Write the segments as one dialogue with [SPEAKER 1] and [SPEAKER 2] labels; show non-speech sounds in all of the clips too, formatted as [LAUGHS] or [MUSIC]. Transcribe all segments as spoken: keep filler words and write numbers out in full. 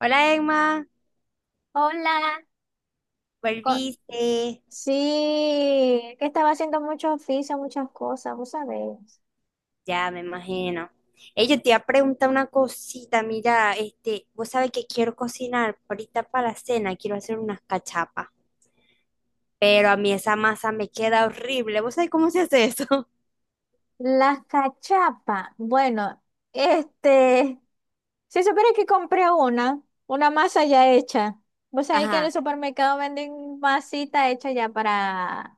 [SPEAKER 1] Hola Emma,
[SPEAKER 2] Hola, co-
[SPEAKER 1] volviste,
[SPEAKER 2] sí, que estaba haciendo muchos oficios, muchas cosas, vos sabés.
[SPEAKER 1] ya me imagino. Ey, yo te iba a preguntar una cosita, mira, este, vos sabés que quiero cocinar ahorita para la cena, quiero hacer unas cachapas, pero a mí esa masa me queda horrible, ¿vos sabés cómo se hace eso? [LAUGHS]
[SPEAKER 2] Las cachapas, bueno, este, si supieras que compré una, una masa ya hecha. Vos sabés que en el
[SPEAKER 1] Ajá,
[SPEAKER 2] supermercado venden masita hecha ya para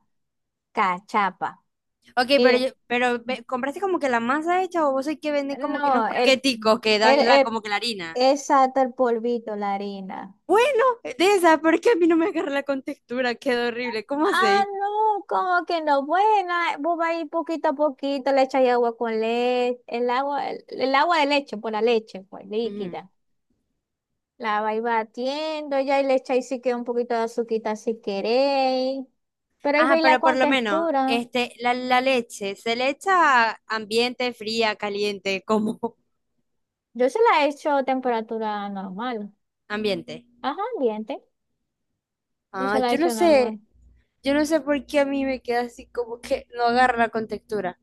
[SPEAKER 2] cachapa.
[SPEAKER 1] ok, pero,
[SPEAKER 2] Y
[SPEAKER 1] yo- pero ve- ¿compraste como que la masa hecha o vos sabés que venden como que unos
[SPEAKER 2] no, el,
[SPEAKER 1] paqueticos que
[SPEAKER 2] el,
[SPEAKER 1] dan la,
[SPEAKER 2] el,
[SPEAKER 1] como que la harina?
[SPEAKER 2] exacto, el polvito, la harina.
[SPEAKER 1] Bueno, de esa, porque a mí no me agarra la contextura, queda horrible, ¿cómo
[SPEAKER 2] Ah,
[SPEAKER 1] hacéis?
[SPEAKER 2] no, como que no, buena, vos vas a ir poquito a poquito, le echáis agua con leche, el agua, el, el agua de leche, por la leche, pues, líquida. La vais batiendo ya y le echáis si queda un poquito de azuquita si queréis. Pero ahí
[SPEAKER 1] Ajá,
[SPEAKER 2] veis la
[SPEAKER 1] pero por
[SPEAKER 2] con
[SPEAKER 1] lo menos,
[SPEAKER 2] textura.
[SPEAKER 1] este, la, la leche, ¿se le echa ambiente, fría, caliente, como [LAUGHS]
[SPEAKER 2] Yo se la he hecho a temperatura normal.
[SPEAKER 1] ambiente?
[SPEAKER 2] Ajá, ambiente. No se
[SPEAKER 1] Ah,
[SPEAKER 2] la he
[SPEAKER 1] yo no
[SPEAKER 2] hecho normal.
[SPEAKER 1] sé, yo no sé por qué a mí me queda así como que no agarra la contextura.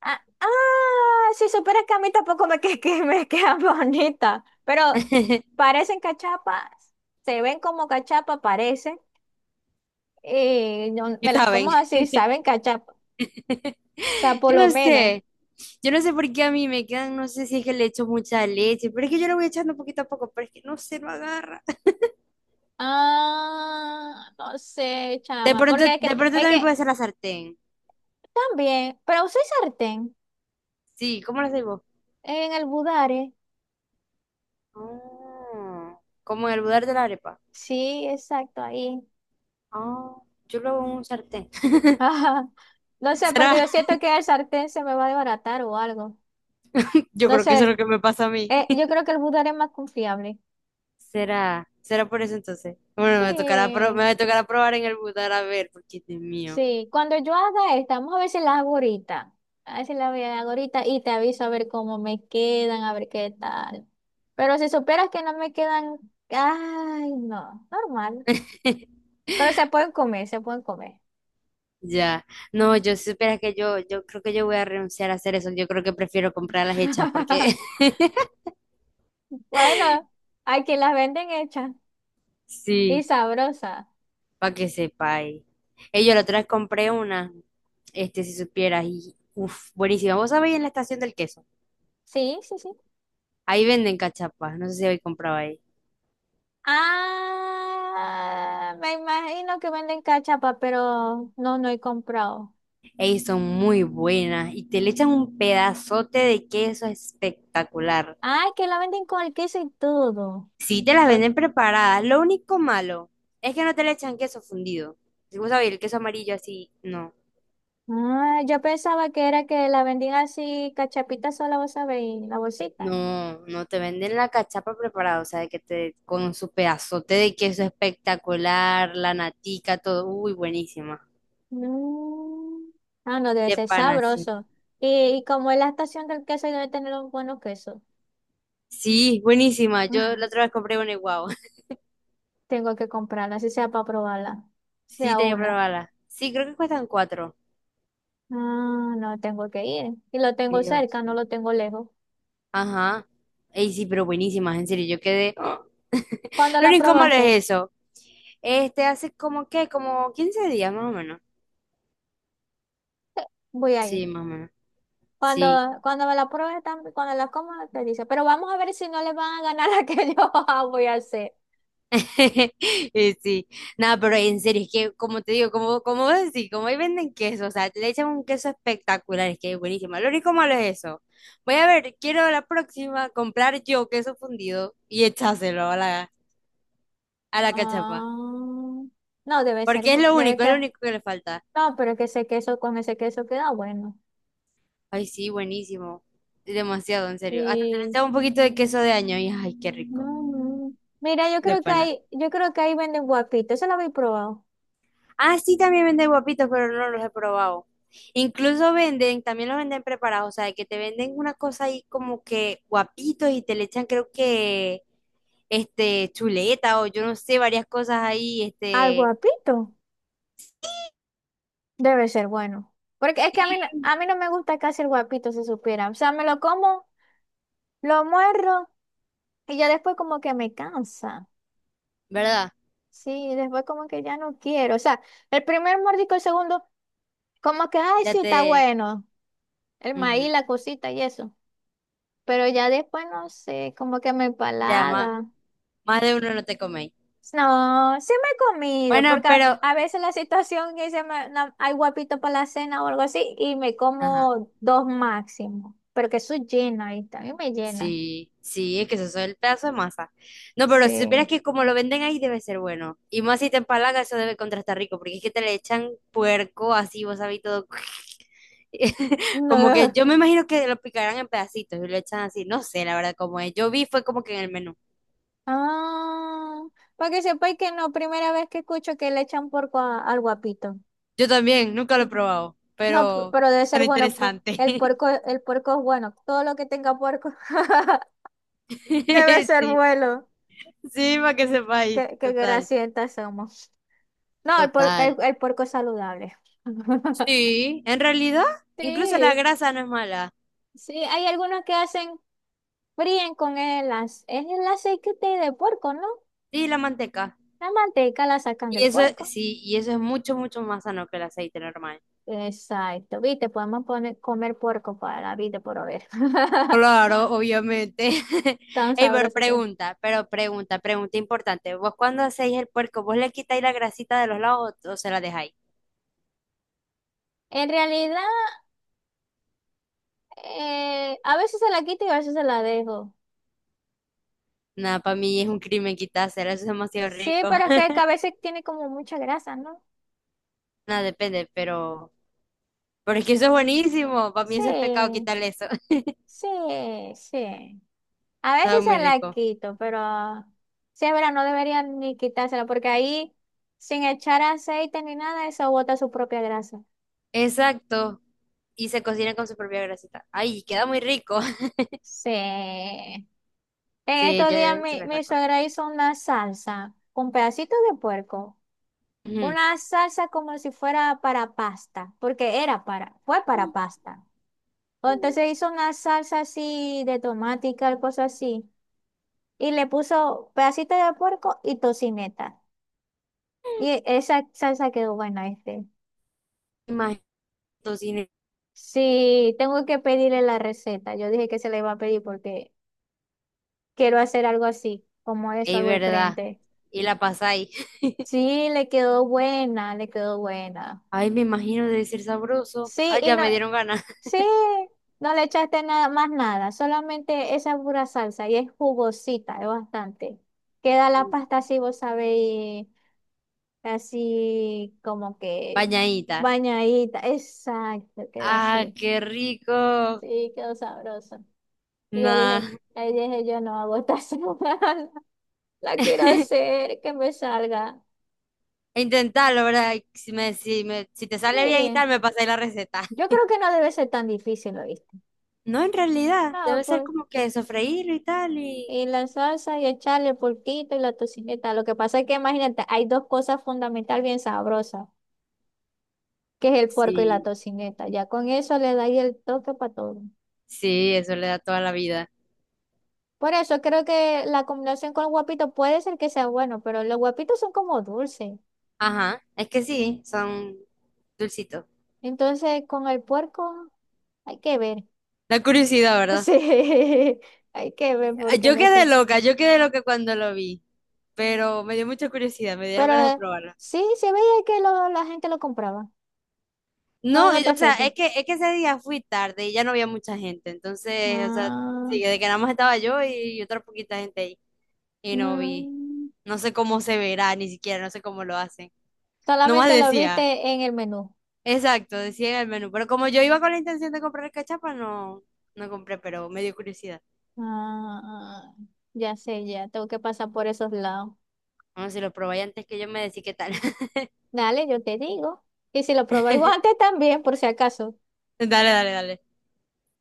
[SPEAKER 2] Ah, ah, si supieras que a mí tampoco me, [LAUGHS] que, que me quedan bonitas, pero
[SPEAKER 1] [LAUGHS]
[SPEAKER 2] parecen cachapas, se ven como cachapas, parecen, y no-
[SPEAKER 1] Y
[SPEAKER 2] me las
[SPEAKER 1] saben,
[SPEAKER 2] como así, saben cachapas, o
[SPEAKER 1] [LAUGHS]
[SPEAKER 2] sea, por
[SPEAKER 1] yo
[SPEAKER 2] lo
[SPEAKER 1] no
[SPEAKER 2] menos.
[SPEAKER 1] sé, yo no sé por qué a mí me quedan, no sé si es que le echo mucha leche, pero es que yo lo voy echando poquito a poco, pero es que no se lo agarra. [LAUGHS]
[SPEAKER 2] Ah, no sé,
[SPEAKER 1] De
[SPEAKER 2] chama,
[SPEAKER 1] pronto,
[SPEAKER 2] porque es que,
[SPEAKER 1] de pronto
[SPEAKER 2] es
[SPEAKER 1] también
[SPEAKER 2] que
[SPEAKER 1] puede ser la sartén.
[SPEAKER 2] también, pero usé sartén
[SPEAKER 1] Sí, ¿cómo lo hacéis vos?
[SPEAKER 2] en el budare,
[SPEAKER 1] Ah, como en el budar de la arepa.
[SPEAKER 2] sí, exacto, ahí. [LAUGHS]
[SPEAKER 1] Ah, yo lo hago en un sartén.
[SPEAKER 2] Ajá. No sé,
[SPEAKER 1] ¿Será?
[SPEAKER 2] porque yo
[SPEAKER 1] [LAUGHS]
[SPEAKER 2] siento que el sartén se me va a desbaratar o algo.
[SPEAKER 1] Yo
[SPEAKER 2] No
[SPEAKER 1] creo que eso es
[SPEAKER 2] sé,
[SPEAKER 1] lo que me pasa a mí.
[SPEAKER 2] eh, yo creo
[SPEAKER 1] [LAUGHS]
[SPEAKER 2] que el budare es más confiable.
[SPEAKER 1] ¿Será? ¿Será por eso entonces? Bueno, me tocará, pro-
[SPEAKER 2] Sí,
[SPEAKER 1] me tocará probar en el budar a ver, porque Dios mío.
[SPEAKER 2] sí, cuando yo haga esta, vamos a ver si la hago ahorita. A ver si la voy a- hago ahorita y te aviso a ver cómo me quedan, a ver qué tal. Pero si supieras que no me quedan, ay, no, normal.
[SPEAKER 1] [LAUGHS]
[SPEAKER 2] Pero se pueden comer, se pueden comer.
[SPEAKER 1] Ya. No, yo supieras que yo, yo creo que yo voy a renunciar a hacer eso. Yo creo que prefiero comprar las hechas, porque
[SPEAKER 2] [LAUGHS]
[SPEAKER 1] [LAUGHS]
[SPEAKER 2] Bueno, hay quien las venden hechas y
[SPEAKER 1] sí,
[SPEAKER 2] sabrosas.
[SPEAKER 1] para que sepáis. Eh, yo la otra vez compré una, este, si supieras, y uff, buenísima. ¿Vos sabéis en la estación del queso?
[SPEAKER 2] Sí, sí, sí.
[SPEAKER 1] Ahí venden cachapas. No sé si habéis comprado ahí.
[SPEAKER 2] Ah, me imagino que venden cachapa, pero no, no he comprado.
[SPEAKER 1] Ey, son muy buenas y te le echan un pedazote de queso espectacular.
[SPEAKER 2] Ay, que la venden con el queso y todo.
[SPEAKER 1] Sí, te las venden preparadas. Lo único malo es que no te le echan queso fundido. Si vos sabés, el queso amarillo así, no.
[SPEAKER 2] Ah, yo pensaba que era que la vendían así, cachapita sola, vos sabés, y la bolsita.
[SPEAKER 1] No, no te venden la cachapa preparada, o sea, de que te con su pedazote de queso espectacular, la natica, todo. Uy, buenísima.
[SPEAKER 2] No. Ah, no, debe
[SPEAKER 1] De
[SPEAKER 2] ser
[SPEAKER 1] pan así.
[SPEAKER 2] sabroso. Y, y como es la estación del queso, y debe tener un buenos quesos.
[SPEAKER 1] Sí, buenísima. Yo la otra
[SPEAKER 2] [LAUGHS]
[SPEAKER 1] vez compré una igual. [LAUGHS]
[SPEAKER 2] Tengo que comprarla, así sea para probarla.
[SPEAKER 1] Sí,
[SPEAKER 2] Sea
[SPEAKER 1] tenía que
[SPEAKER 2] una.
[SPEAKER 1] probarla. Sí, creo que cuestan cuatro.
[SPEAKER 2] Ah, no, tengo que ir. Y lo tengo
[SPEAKER 1] Dios.
[SPEAKER 2] cerca, no lo tengo lejos.
[SPEAKER 1] Ajá. Ey, sí, pero buenísimas, en serio, yo quedé. ¡Ah!
[SPEAKER 2] ¿Cuándo
[SPEAKER 1] Lo
[SPEAKER 2] la
[SPEAKER 1] incómodo
[SPEAKER 2] probaste?
[SPEAKER 1] es eso. Este hace como que, como quince días más o menos.
[SPEAKER 2] [LAUGHS] Voy a ir.
[SPEAKER 1] Sí, más o menos.
[SPEAKER 2] Cuando,
[SPEAKER 1] Sí.
[SPEAKER 2] cuando me la pruebe, tam- cuando la coma, te dice, pero vamos a ver si no le van a ganar la que [LAUGHS] yo voy a hacer.
[SPEAKER 1] [LAUGHS] Eh, Sí. Nada, pero en serio, es que como te digo, como, como vos decís, como ahí venden queso, o sea, le echan un queso espectacular, es que es buenísimo. Lo único malo es eso. Voy a ver, quiero la próxima comprar yo queso fundido y echárselo a la, a la cachapa.
[SPEAKER 2] Ah, no, debe ser,
[SPEAKER 1] Porque es
[SPEAKER 2] bu-
[SPEAKER 1] lo
[SPEAKER 2] debe
[SPEAKER 1] único, es lo
[SPEAKER 2] que,
[SPEAKER 1] único que le falta.
[SPEAKER 2] no, pero que ese queso, con ese queso queda bueno.
[SPEAKER 1] Ay, sí, buenísimo. Demasiado, en serio. Hasta te le
[SPEAKER 2] Sí,
[SPEAKER 1] echaba un poquito de queso de año y ay, qué rico.
[SPEAKER 2] no, no. Mira, yo
[SPEAKER 1] De
[SPEAKER 2] creo que
[SPEAKER 1] pana.
[SPEAKER 2] ahí, yo creo que ahí venden guapito, eso lo habéis probado.
[SPEAKER 1] Ah, sí, también venden guapitos, pero no los he probado. Incluso venden, también los venden preparados, o sea, que te venden una cosa ahí como que guapitos y te le echan creo que este chuleta o yo no sé, varias cosas ahí,
[SPEAKER 2] Al
[SPEAKER 1] este,
[SPEAKER 2] guapito, debe ser bueno. Porque es que a mí, no- a mí no me gusta casi el guapito, si supiera. O sea, me lo como, lo muerdo y ya después como que me cansa.
[SPEAKER 1] ¿verdad?
[SPEAKER 2] Sí, después como que ya no quiero. O sea, el primer mordisco, el segundo, como que, ay,
[SPEAKER 1] Ya
[SPEAKER 2] sí, está
[SPEAKER 1] te,
[SPEAKER 2] bueno. El
[SPEAKER 1] ujú,
[SPEAKER 2] maíz, la cosita y eso. Pero ya después no sé, como que me
[SPEAKER 1] Ya más,
[SPEAKER 2] empalaga.
[SPEAKER 1] más de uno no te coméis.
[SPEAKER 2] No, sí me he comido,
[SPEAKER 1] Bueno,
[SPEAKER 2] porque a,
[SPEAKER 1] pero,
[SPEAKER 2] a veces la situación que se me, no, hay guapito para la cena o algo así, y me
[SPEAKER 1] ajá.
[SPEAKER 2] como dos máximo, pero que eso llena ahí, también me llena.
[SPEAKER 1] Sí, sí, es que eso es el pedazo de masa. No, pero si supieras
[SPEAKER 2] Sí.
[SPEAKER 1] que como lo venden ahí debe ser bueno. Y más si te empalaga, eso debe contrastar rico, porque es que te le echan puerco así, vos sabés todo. [LAUGHS] Como que
[SPEAKER 2] No.
[SPEAKER 1] yo me imagino que lo picarán en pedacitos y lo echan así. No sé, la verdad, cómo es. Yo vi fue como que en el menú.
[SPEAKER 2] Ah, para que sepáis que no, primera vez que escucho que le echan porco a- al guapito.
[SPEAKER 1] Yo también, nunca lo he probado,
[SPEAKER 2] No, p-
[SPEAKER 1] pero
[SPEAKER 2] pero debe ser
[SPEAKER 1] tan
[SPEAKER 2] bueno, pu- el
[SPEAKER 1] interesante.
[SPEAKER 2] puerco, el puerco es bueno, todo lo que tenga puerco [LAUGHS] debe
[SPEAKER 1] [LAUGHS]
[SPEAKER 2] ser
[SPEAKER 1] Sí,
[SPEAKER 2] bueno.
[SPEAKER 1] sí, para que sepáis.
[SPEAKER 2] Qué, qué
[SPEAKER 1] Total.
[SPEAKER 2] grasientas somos. No, el, por- el,
[SPEAKER 1] Total.
[SPEAKER 2] el puerco es saludable. [LAUGHS]
[SPEAKER 1] Sí, en realidad, incluso la
[SPEAKER 2] Sí,
[SPEAKER 1] grasa no es mala.
[SPEAKER 2] sí, hay algunos que hacen, fríen con el, ace- es el aceite de puerco, ¿no?
[SPEAKER 1] Sí, la manteca.
[SPEAKER 2] La manteca la sacan
[SPEAKER 1] Y
[SPEAKER 2] del
[SPEAKER 1] eso,
[SPEAKER 2] puerco.
[SPEAKER 1] sí, y eso es mucho, mucho más sano que el aceite normal.
[SPEAKER 2] Exacto, viste, podemos poner, comer puerco para la vida por haber. [LAUGHS]
[SPEAKER 1] Claro, obviamente. [LAUGHS]
[SPEAKER 2] Tan
[SPEAKER 1] Ey, pero
[SPEAKER 2] sabroso que es.
[SPEAKER 1] pregunta, pero pregunta, pregunta importante. ¿Vos cuando hacéis el puerco, vos le quitáis la grasita de los lados o, o se la dejáis?
[SPEAKER 2] En realidad, eh, a veces se la quito y a veces se la dejo.
[SPEAKER 1] Nada, para mí es un crimen quitársela, eso es demasiado
[SPEAKER 2] Sí,
[SPEAKER 1] rico.
[SPEAKER 2] pero es que a
[SPEAKER 1] [LAUGHS]
[SPEAKER 2] veces tiene como mucha grasa, ¿no?
[SPEAKER 1] Nada, depende, pero... Pero es que eso es buenísimo, para mí eso es pecado
[SPEAKER 2] Sí,
[SPEAKER 1] quitarle eso. [LAUGHS]
[SPEAKER 2] sí, sí. A veces
[SPEAKER 1] Sabe muy
[SPEAKER 2] se la
[SPEAKER 1] rico.
[SPEAKER 2] quito, pero sí es verdad, no deberían ni quitársela, porque ahí, sin echar aceite ni nada, eso bota su propia grasa.
[SPEAKER 1] Exacto, y se cocina con su propia grasita. Ay, queda muy rico. [LAUGHS]
[SPEAKER 2] Sí. En
[SPEAKER 1] Sí,
[SPEAKER 2] estos
[SPEAKER 1] yo
[SPEAKER 2] días
[SPEAKER 1] se
[SPEAKER 2] mi,
[SPEAKER 1] le
[SPEAKER 2] mi
[SPEAKER 1] saco.
[SPEAKER 2] suegra hizo una salsa con pedacitos de puerco. Una salsa como si fuera para pasta, porque era para, fue para pasta. O
[SPEAKER 1] Ujú.
[SPEAKER 2] entonces hizo una salsa así de tomate y tal cosa así. Y le puso pedacitos de puerco y tocineta. Y esa salsa quedó buena, este.
[SPEAKER 1] Tu cine.
[SPEAKER 2] Sí, tengo que pedirle la receta. Yo dije que se la iba a pedir porque quiero hacer algo así, como eso,
[SPEAKER 1] Es
[SPEAKER 2] algo
[SPEAKER 1] verdad.
[SPEAKER 2] diferente.
[SPEAKER 1] Y la pasáis. [LAUGHS]
[SPEAKER 2] Sí, le quedó buena, le quedó buena.
[SPEAKER 1] Ay, me imagino debe ser sabroso.
[SPEAKER 2] Sí,
[SPEAKER 1] Ay,
[SPEAKER 2] y
[SPEAKER 1] ya
[SPEAKER 2] no,
[SPEAKER 1] me dieron ganas.
[SPEAKER 2] sí, no le echaste nada más nada, solamente esa pura salsa y es jugosita, es bastante. Queda la
[SPEAKER 1] [LAUGHS]
[SPEAKER 2] pasta así, vos sabéis, así como que
[SPEAKER 1] Bañadita.
[SPEAKER 2] bañadita. Exacto, queda
[SPEAKER 1] Ah,
[SPEAKER 2] así.
[SPEAKER 1] qué rico.
[SPEAKER 2] Sí, quedó sabroso. Y yo dije,
[SPEAKER 1] Nah.
[SPEAKER 2] ahí dije, yo no hago esta [LAUGHS] semana, la quiero
[SPEAKER 1] [LAUGHS]
[SPEAKER 2] hacer, que me salga.
[SPEAKER 1] Intentarlo, ¿verdad? Y Si, me, si, me- si te sale bien y
[SPEAKER 2] Sí,
[SPEAKER 1] tal, me pasáis la receta.
[SPEAKER 2] yo
[SPEAKER 1] [LAUGHS]
[SPEAKER 2] creo que no debe ser tan difícil, ¿lo viste?
[SPEAKER 1] No, en realidad,
[SPEAKER 2] No,
[SPEAKER 1] debe ser
[SPEAKER 2] pues,
[SPEAKER 1] como que sofreírlo y tal y...
[SPEAKER 2] y la salsa y echarle el porquito y la tocineta. Lo que pasa es que imagínate, hay dos cosas fundamental bien sabrosas, que es el puerco y la
[SPEAKER 1] Sí,
[SPEAKER 2] tocineta. Ya con eso le da ahí el toque para todo.
[SPEAKER 1] sí, eso le da toda la vida.
[SPEAKER 2] Por eso creo que la combinación con el guapito puede ser que sea bueno, pero los guapitos son como dulces.
[SPEAKER 1] Ajá, es que sí, son dulcitos.
[SPEAKER 2] Entonces, con el puerco hay que ver.
[SPEAKER 1] La curiosidad, ¿verdad?
[SPEAKER 2] Sí, [LAUGHS] hay que ver
[SPEAKER 1] Ah,
[SPEAKER 2] porque
[SPEAKER 1] yo
[SPEAKER 2] no
[SPEAKER 1] quedé
[SPEAKER 2] sé.
[SPEAKER 1] loca, yo quedé loca cuando lo vi, pero me dio mucha curiosidad, me dieron
[SPEAKER 2] Pero
[SPEAKER 1] ganas de
[SPEAKER 2] eh,
[SPEAKER 1] probarla.
[SPEAKER 2] sí, se veía que lo- la gente lo compraba. No,
[SPEAKER 1] No,
[SPEAKER 2] no
[SPEAKER 1] y- o
[SPEAKER 2] te
[SPEAKER 1] sea,
[SPEAKER 2] fíes.
[SPEAKER 1] es que, es que ese día fui tarde y ya no había mucha gente, entonces, o sea,
[SPEAKER 2] Ah,
[SPEAKER 1] sí, de que nada más estaba yo y otra poquita gente ahí, y no vi.
[SPEAKER 2] mm,
[SPEAKER 1] No sé cómo se verá, ni siquiera, no sé cómo lo hacen. Nomás
[SPEAKER 2] solamente lo
[SPEAKER 1] decía,
[SPEAKER 2] viste en el menú.
[SPEAKER 1] exacto, decía en el menú, pero como yo iba con la intención de comprar cachapa, no, no compré, pero me dio curiosidad.
[SPEAKER 2] Ah, ya sé, ya tengo que pasar por esos lados.
[SPEAKER 1] Vamos, si lo probáis antes que yo me decís qué tal. [LAUGHS]
[SPEAKER 2] Dale, yo te digo. Y si lo probáis vos antes también, por si acaso.
[SPEAKER 1] Dale, dale, dale.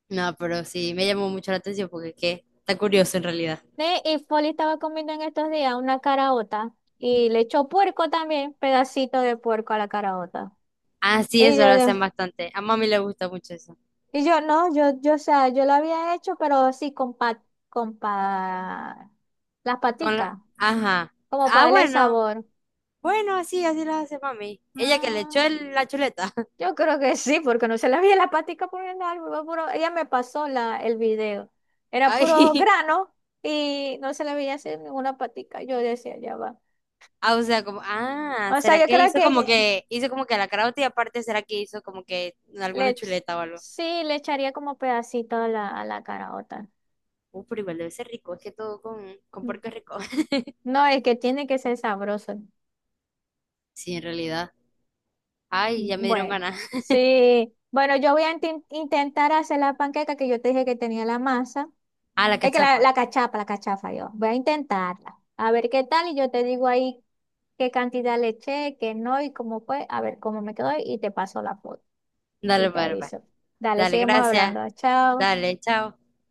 [SPEAKER 1] No, pero sí, me llamó mucho la atención porque es que está curioso en realidad.
[SPEAKER 2] Ne, y Foli estaba comiendo en estos días una caraota y le echó puerco también, pedacito de puerco a la caraota.
[SPEAKER 1] Ah, sí,
[SPEAKER 2] Y
[SPEAKER 1] eso lo
[SPEAKER 2] yo, Dios.
[SPEAKER 1] hacen bastante. A mami le gusta mucho eso.
[SPEAKER 2] Y yo, no, yo, yo, o sea, yo lo había hecho, pero sí con pa, con pa- las
[SPEAKER 1] Con la...
[SPEAKER 2] paticas,
[SPEAKER 1] Ajá.
[SPEAKER 2] como para
[SPEAKER 1] Ah,
[SPEAKER 2] darle
[SPEAKER 1] bueno.
[SPEAKER 2] sabor.
[SPEAKER 1] Bueno, así, así lo hace mami. Ella que le echó
[SPEAKER 2] Ah,
[SPEAKER 1] el- la chuleta. [LAUGHS]
[SPEAKER 2] yo creo que sí, porque no se la vi la patica poniendo algo, fue puro- ella me pasó la, el video. Era puro
[SPEAKER 1] Ay.
[SPEAKER 2] grano y no se le veía hacer ninguna patica. Yo decía, ya va.
[SPEAKER 1] Ah, o sea, como, ah,
[SPEAKER 2] O sea,
[SPEAKER 1] ¿será
[SPEAKER 2] yo
[SPEAKER 1] que
[SPEAKER 2] creo
[SPEAKER 1] hizo
[SPEAKER 2] que
[SPEAKER 1] como
[SPEAKER 2] ella-
[SPEAKER 1] que, hizo como que la carota y aparte será que hizo como que
[SPEAKER 2] le,
[SPEAKER 1] alguna
[SPEAKER 2] ech-
[SPEAKER 1] chuleta o algo?
[SPEAKER 2] sí le echaría como pedacito a la, a la caraota.
[SPEAKER 1] Uh, pero igual debe ser rico, es que todo con, con puerco es rico. [LAUGHS]
[SPEAKER 2] No, es que tiene que ser sabroso.
[SPEAKER 1] Sí, en realidad. Ay, ya me dieron
[SPEAKER 2] Bueno,
[SPEAKER 1] ganas. [LAUGHS]
[SPEAKER 2] sí. Bueno, yo voy a inten- intentar hacer la panqueca que yo te dije que tenía la masa.
[SPEAKER 1] Ah, la
[SPEAKER 2] Es que la,
[SPEAKER 1] cachapa.
[SPEAKER 2] la cachapa, la cachafa, yo. Voy a intentarla. A ver qué tal y yo te digo ahí qué cantidad le eché, qué no y cómo fue. A ver cómo me quedó y te paso la foto y
[SPEAKER 1] Dale, dale,
[SPEAKER 2] te
[SPEAKER 1] dale, pues.
[SPEAKER 2] aviso. Dale,
[SPEAKER 1] Dale,
[SPEAKER 2] seguimos
[SPEAKER 1] gracias.
[SPEAKER 2] hablando. Chao.
[SPEAKER 1] Dale, chao.